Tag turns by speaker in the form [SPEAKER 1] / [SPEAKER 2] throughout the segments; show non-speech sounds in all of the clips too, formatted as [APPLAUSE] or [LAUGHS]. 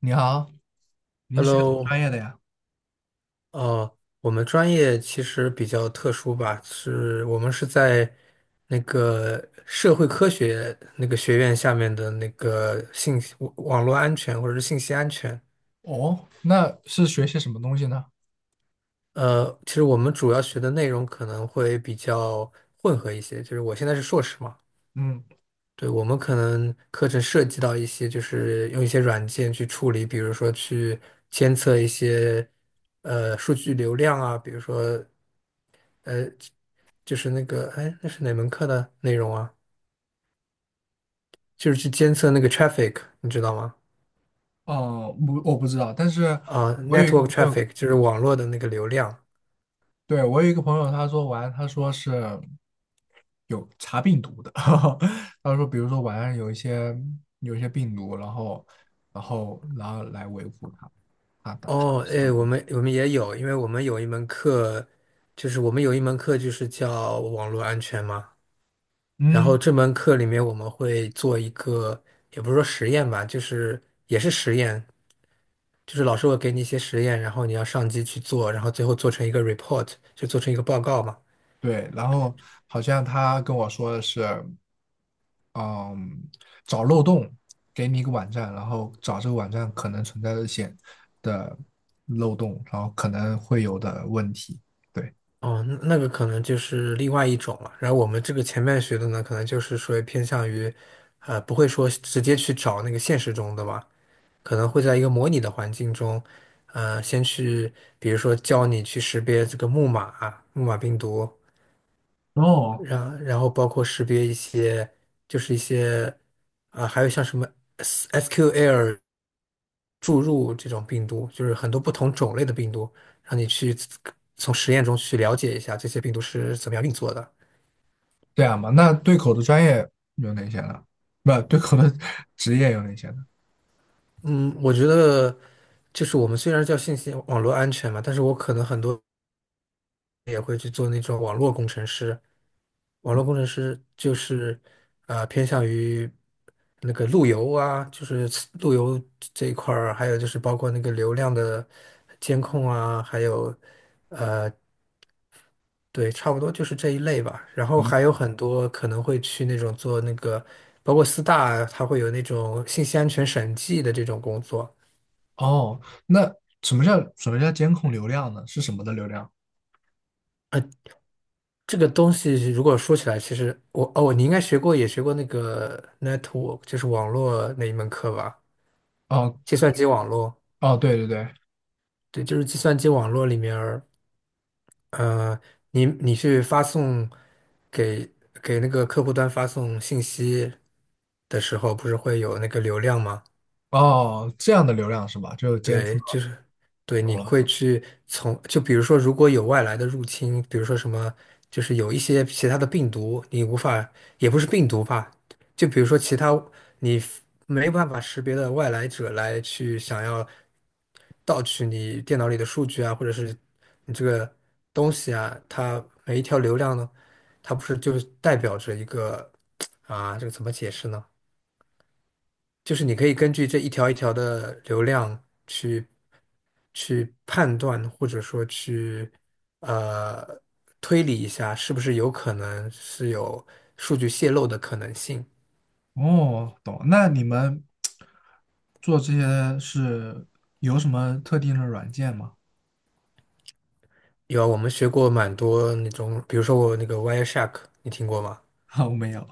[SPEAKER 1] 你好，你是学什么
[SPEAKER 2] Hello，
[SPEAKER 1] 专业的呀？
[SPEAKER 2] 我们专业其实比较特殊吧，是我们是在那个社会科学那个学院下面的那个信息网络安全或者是信息安全。
[SPEAKER 1] 哦，那是学些什么东西呢？
[SPEAKER 2] 其实我们主要学的内容可能会比较混合一些，就是我现在是硕士嘛，
[SPEAKER 1] 嗯。
[SPEAKER 2] 对，我们可能课程涉及到一些，就是用一些软件去处理，比如说去监测一些数据流量啊，比如说。呃，就是那个，哎，那是哪门课的内容啊？就是去监测那个 traffic,你知道吗？
[SPEAKER 1] 哦，不，我不知道，但是
[SPEAKER 2] 啊
[SPEAKER 1] 我有一个
[SPEAKER 2] ，network
[SPEAKER 1] 朋友。
[SPEAKER 2] traffic 就是网络的那个流量。
[SPEAKER 1] 对，我有一个朋友，他说是有查病毒的，[LAUGHS] 他说比如说晚上有一些病毒，然后来维护他它的它的
[SPEAKER 2] 哦，哎，
[SPEAKER 1] 上
[SPEAKER 2] 我
[SPEAKER 1] 瘾。
[SPEAKER 2] 们我们也有，因为我们有一门课，就是我们有一门课就是叫网络安全嘛。然后
[SPEAKER 1] 嗯，
[SPEAKER 2] 这门课里面我们会做一个，也不是说实验吧，就是也是实验，就是老师会给你一些实验，然后你要上机去做，然后最后做成一个 report,就做成一个报告嘛。
[SPEAKER 1] 对，然后好像他跟我说的是。嗯，找漏洞，给你一个网站，然后找这个网站可能存在的的漏洞，然后可能会有的问题。对。
[SPEAKER 2] 哦，那那个可能就是另外一种了。然后我们这个前面学的呢，可能就是说偏向于，不会说直接去找那个现实中的吧，可能会在一个模拟的环境中，先去，比如说教你去识别这个木马、木马病毒，
[SPEAKER 1] 哦，
[SPEAKER 2] 然后包括识别一些，就是一些，啊、还有像什么 SQL。注入这种病毒，就是很多不同种类的病毒，让你去从实验中去了解一下这些病毒是怎么样运作的。
[SPEAKER 1] 这样吧，那对口的专业有哪些呢？不，对口的 [LAUGHS] 职业有哪些呢？
[SPEAKER 2] 嗯，我觉得就是我们虽然叫信息网络安全嘛，但是我可能很多也会去做那种网络工程师。网络
[SPEAKER 1] 嗯
[SPEAKER 2] 工程师就是偏向于那个路由啊，就是路由这一块儿，还有就是包括那个流量的监控啊，还有。呃。对，差不多就是这一类吧。然后还
[SPEAKER 1] 嗯。
[SPEAKER 2] 有很多可能会去那种做那个，包括四大啊，它会有那种信息安全审计的这种工作。
[SPEAKER 1] 哦，那什么叫监控流量呢？是什么的流量？
[SPEAKER 2] 这个东西如果说起来，其实我你应该学过，也学过那个 network,就是网络那一门课吧？
[SPEAKER 1] 哦
[SPEAKER 2] 计算机网络，
[SPEAKER 1] 哦，对对对。
[SPEAKER 2] 对，就是计算机网络里面儿，呃，你去发送给给那个客户端发送信息的时候，不是会有那个流量吗？
[SPEAKER 1] 哦，这样的流量是吧？就监测，
[SPEAKER 2] 对，就是对，
[SPEAKER 1] 懂
[SPEAKER 2] 你会
[SPEAKER 1] 了。
[SPEAKER 2] 去从就比如说，如果有外来的入侵，比如说什么，就是有一些其他的病毒，你无法，也不是病毒吧，就比如说其他你没办法识别的外来者来去想要盗取你电脑里的数据啊，或者是你这个东西啊，它每一条流量呢，它不是就是代表着一个 [TSK] 啊，这个怎么解释呢？就是你可以根据这一条一条的流量去。去判断，或者说去呃推理一下，是不是有可能是有数据泄露的可能性。
[SPEAKER 1] 哦，懂，那你们做这些是有什么特定的软件吗？
[SPEAKER 2] 有啊，我们学过蛮多那种，比如说我那个 Wireshark,你听过吗？
[SPEAKER 1] [LAUGHS] 哦，没有。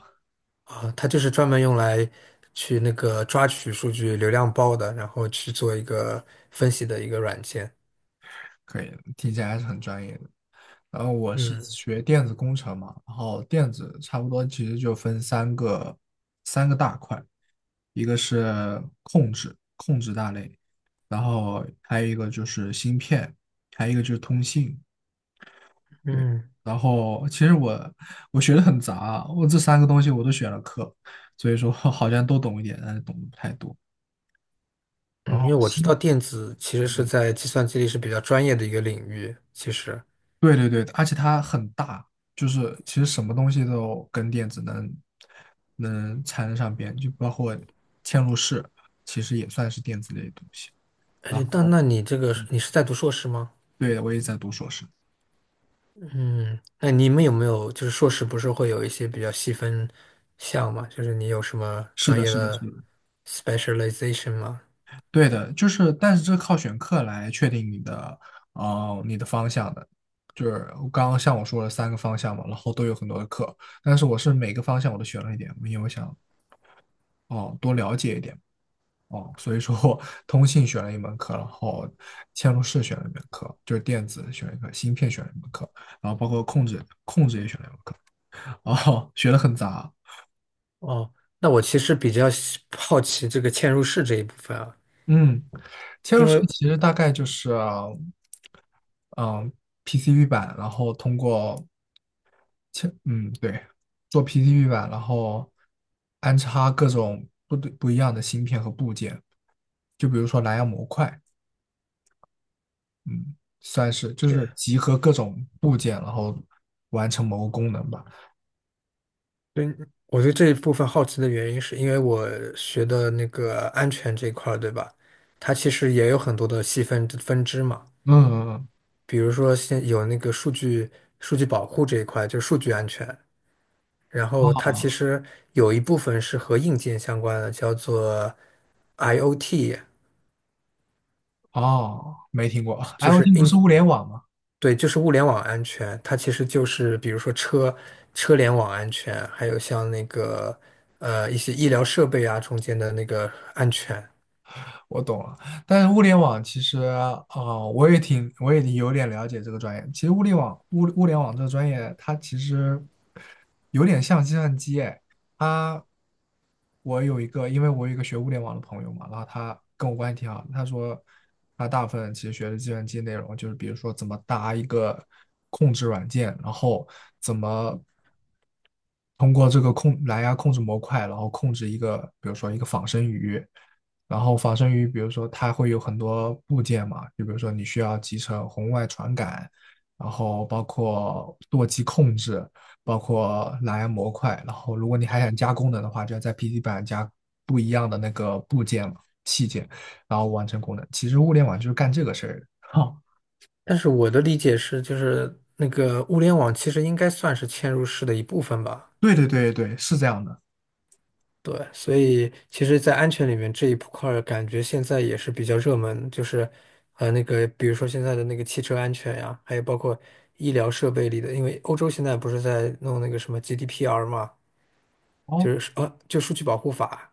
[SPEAKER 2] 啊，它就是专门用来去那个抓取数据流量包的，然后去做一个分析的一个软件。
[SPEAKER 1] 可以，听起来还是很专业的。然后我是
[SPEAKER 2] 嗯
[SPEAKER 1] 学电子工程嘛，然后电子差不多其实就分三个大块，一个是控制大类，然后还有一个就是芯片，还有一个就是通信。
[SPEAKER 2] 嗯
[SPEAKER 1] 然后其实我学的很杂，我这三个东西我都选了课，所以说 [LAUGHS] 好像都懂一点，但是懂得不太多。
[SPEAKER 2] 嗯，
[SPEAKER 1] 然
[SPEAKER 2] 因
[SPEAKER 1] 后
[SPEAKER 2] 为我知
[SPEAKER 1] 新，
[SPEAKER 2] 道电子其实是
[SPEAKER 1] 嗯，
[SPEAKER 2] 在计算机里是比较专业的一个领域，其实。
[SPEAKER 1] 对对对，而且它很大，就是其实什么东西都跟电子能缠得上边，就包括嵌入式，其实也算是电子类的东西。
[SPEAKER 2] 哎，
[SPEAKER 1] 然
[SPEAKER 2] 那
[SPEAKER 1] 后，
[SPEAKER 2] 那你这个
[SPEAKER 1] 嗯，
[SPEAKER 2] 你是在读硕士吗？
[SPEAKER 1] 对，我也在读硕士。
[SPEAKER 2] 那你们有没有就是硕士不是会有一些比较细分项嘛？就是你有什么
[SPEAKER 1] 是
[SPEAKER 2] 专
[SPEAKER 1] 的，
[SPEAKER 2] 业
[SPEAKER 1] 是的，是
[SPEAKER 2] 的
[SPEAKER 1] 的。
[SPEAKER 2] specialization 吗？
[SPEAKER 1] 对的，就是，但是这靠选课来确定你的方向的。就是我刚刚像我说了三个方向嘛，然后都有很多的课，但是我是每个方向我都选了一点，因为我想哦多了解一点。哦，所以说我通信选了一门课，然后嵌入式选了一门课，就是电子选了一个，芯片选了一门课，然后包括控制也选了一门课，哦，学的很杂。
[SPEAKER 2] 哦，那我其实比较喜好奇这个嵌入式这一部分啊，
[SPEAKER 1] 嗯，嵌入
[SPEAKER 2] 因
[SPEAKER 1] 式
[SPEAKER 2] 为
[SPEAKER 1] 其实大概就是，嗯，PCB 版，然后通过切嗯，对，做 PCB 版，然后安插各种不一样的芯片和部件，就比如说蓝牙模块，嗯，算是就
[SPEAKER 2] 对，
[SPEAKER 1] 是集合各种部件，然后完成某个功能吧。
[SPEAKER 2] 对我对这一部分好奇的原因是因为我学的那个安全这一块儿，对吧？它其实也有很多的细分分支嘛，
[SPEAKER 1] 嗯，嗯嗯。
[SPEAKER 2] 比如说现有那个数据保护这一块，就是数据安全。然后它其
[SPEAKER 1] 哦，
[SPEAKER 2] 实有一部分是和硬件相关的，叫做 IoT,
[SPEAKER 1] 哦没听过
[SPEAKER 2] 就是
[SPEAKER 1] ，IoT 不
[SPEAKER 2] in,
[SPEAKER 1] 是物联网吗？
[SPEAKER 2] 对，就是物联网安全。它其实就是比如说车车联网安全，还有像那个一些医疗设备啊中间的那个安全。
[SPEAKER 1] 我懂了，但是物联网其实，啊，我也有点了解这个专业。其实物联网，物联网这个专业，它其实有点像计算机。它，我有一个，因为我有一个学物联网的朋友嘛，然后他跟我关系挺好的，他说他大部分其实学的计算机内容，就是比如说怎么搭一个控制软件，然后怎么通过这个蓝牙控制模块，然后控制一个，比如说一个仿生鱼。然后仿生于，比如说它会有很多部件嘛，就比如说你需要集成红外传感，然后包括舵机控制，包括蓝牙模块，然后如果你还想加功能的话，就要在 PC 版加不一样的那个部件嘛器件，然后完成功能。其实物联网就是干这个事儿的。哦
[SPEAKER 2] 但是我的理解是，就是那个物联网其实应该算是嵌入式的一部分吧。
[SPEAKER 1] [LAUGHS]，对对对对，是这样的。
[SPEAKER 2] 对，所以其实，在安全里面这一块儿，感觉现在也是比较热门，就是那个比如说现在的那个汽车安全呀，还有包括医疗设备里的，因为欧洲现在不是在弄那个什么 GDPR 嘛，
[SPEAKER 1] 哦
[SPEAKER 2] 就是就数据保护法，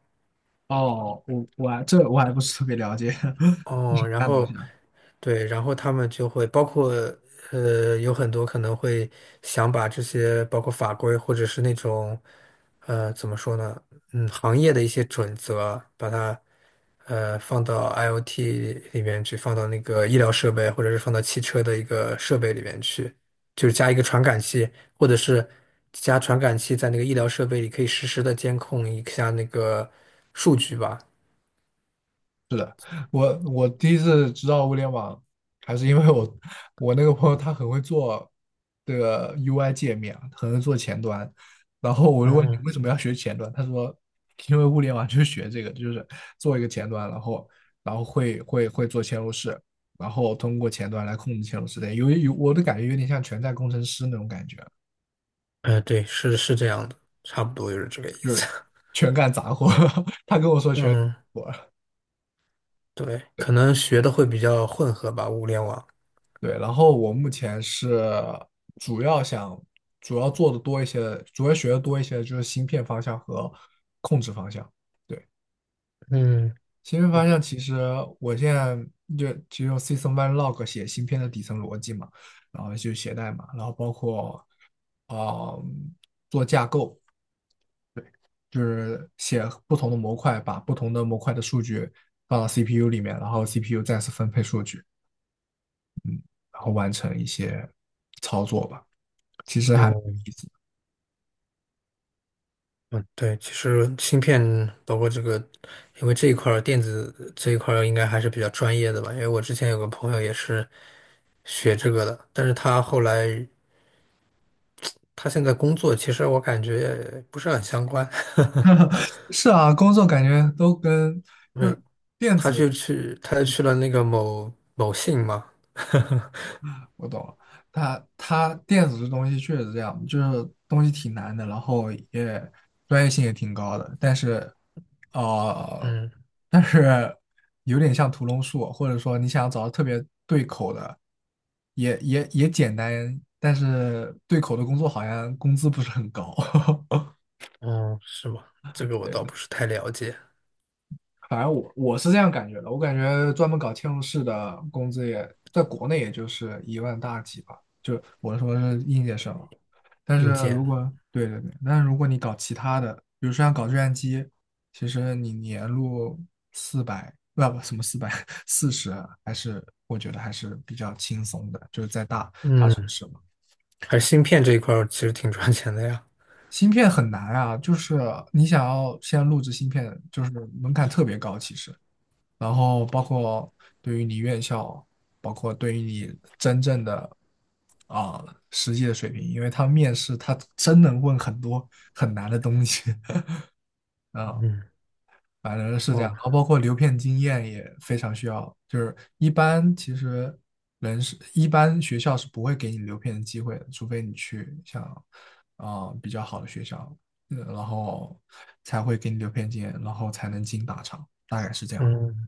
[SPEAKER 1] 哦，我还不是特别了解 [LAUGHS] 什
[SPEAKER 2] 哦，然
[SPEAKER 1] 东西
[SPEAKER 2] 后
[SPEAKER 1] 啊。
[SPEAKER 2] 对，然后他们就会包括有很多可能会想把这些包括法规或者是那种怎么说呢，嗯，行业的一些准则，把它放到 IoT 里面去，放到那个医疗设备或者是放到汽车的一个设备里面去，就是加一个传感器，或者是加传感器在那个医疗设备里可以实时的监控一下那个数据吧。
[SPEAKER 1] 是的，我第一次知道物联网，还是因为我那个朋友他很会做这个 UI 界面啊，很会做前端，然后我就问你
[SPEAKER 2] 嗯，
[SPEAKER 1] 为什么要学前端，他说因为物联网就是学这个，就是做一个前端，然后会做嵌入式，然后通过前端来控制嵌入式的，我的感觉有点像全站工程师那种感觉，
[SPEAKER 2] 哎，对，是是这样的，差不多就是这个意
[SPEAKER 1] 就
[SPEAKER 2] 思。
[SPEAKER 1] 是全干杂活，[LAUGHS] 他跟我说
[SPEAKER 2] [LAUGHS]
[SPEAKER 1] 全干
[SPEAKER 2] 嗯，
[SPEAKER 1] 活。
[SPEAKER 2] 对，可能学的会比较混合吧，物联网。
[SPEAKER 1] 对，然后我目前是主要想主要做的多一些主要学的多一些就是芯片方向和控制方向。对，
[SPEAKER 2] 嗯，
[SPEAKER 1] 芯片方向其实我现在就只用 System One Log 写芯片的底层逻辑嘛，然后就写代码，然后包括啊、呃做架构，就是写不同的模块，把不同的模块的数据放到 CPU 里面，然后 CPU 再次分配数据，然后完成一些操作吧。其实还。
[SPEAKER 2] 哦，嗯，对，其实芯片包括这个，因为这一块儿电子这一块儿应该还是比较专业的吧，因为我之前有个朋友也是学这个的，但是他后来他现在工作，其实我感觉也不是很相关，
[SPEAKER 1] [LAUGHS] 是啊，工作感觉都跟
[SPEAKER 2] [LAUGHS] 没
[SPEAKER 1] 就是
[SPEAKER 2] 有，
[SPEAKER 1] 电
[SPEAKER 2] 他
[SPEAKER 1] 子，
[SPEAKER 2] 就去他
[SPEAKER 1] 嗯，
[SPEAKER 2] 去了那个某某信嘛，
[SPEAKER 1] 我懂了。它电子这东西确实这样，就是东西挺难的，然后也专业性也挺高的，呃，
[SPEAKER 2] 嗯。
[SPEAKER 1] 但是有点像屠龙术，或者说你想找到特别对口的，也简单，但是对口的工作好像工资不是很高。
[SPEAKER 2] 哦，是吗？这个
[SPEAKER 1] [LAUGHS]
[SPEAKER 2] 我
[SPEAKER 1] 对。
[SPEAKER 2] 倒不是太了解。
[SPEAKER 1] 反正我是这样感觉的，我感觉专门搞嵌入式的工资也在国内也就是1万大几吧，就我说是应届生啊。但是
[SPEAKER 2] 硬件，
[SPEAKER 1] 如果对对对，但是如果你搞其他的，比如说像搞计算机，其实你年入四百，不不什么440，四十啊还是我觉得还是比较轻松的，就是在大城
[SPEAKER 2] 嗯，
[SPEAKER 1] 市嘛。
[SPEAKER 2] 还是芯片这一块儿其实挺赚钱的呀。
[SPEAKER 1] 芯片很难啊，就是你想要先在录制芯片，就是门槛特别高，其实。然后包括对于你院校，包括对于你真正的啊、实际的水平，因为他面试他真能问很多很难的东西 [LAUGHS] 啊、
[SPEAKER 2] 嗯，
[SPEAKER 1] 反正是这样。
[SPEAKER 2] 哦，
[SPEAKER 1] 然后包括留片经验也非常需要，就是一般其实人是一般学校是不会给你留片的机会的，除非你去像比较好的学校，嗯然后才会给你留片经验，然后才能进大厂，大概是这样。
[SPEAKER 2] 嗯，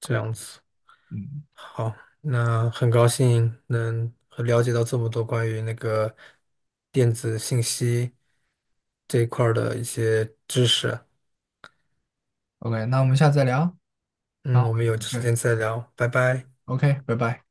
[SPEAKER 2] 这样子。
[SPEAKER 1] 嗯。
[SPEAKER 2] 好，那很高兴能和了解到这么多关于那个电子信息这一块儿的一些知识。
[SPEAKER 1] OK，那我们下次再聊啊，刚
[SPEAKER 2] 嗯，
[SPEAKER 1] 回
[SPEAKER 2] 我
[SPEAKER 1] 我
[SPEAKER 2] 们
[SPEAKER 1] 有
[SPEAKER 2] 有
[SPEAKER 1] 点事
[SPEAKER 2] 时
[SPEAKER 1] 儿
[SPEAKER 2] 间再聊，拜拜。
[SPEAKER 1] OK，拜拜。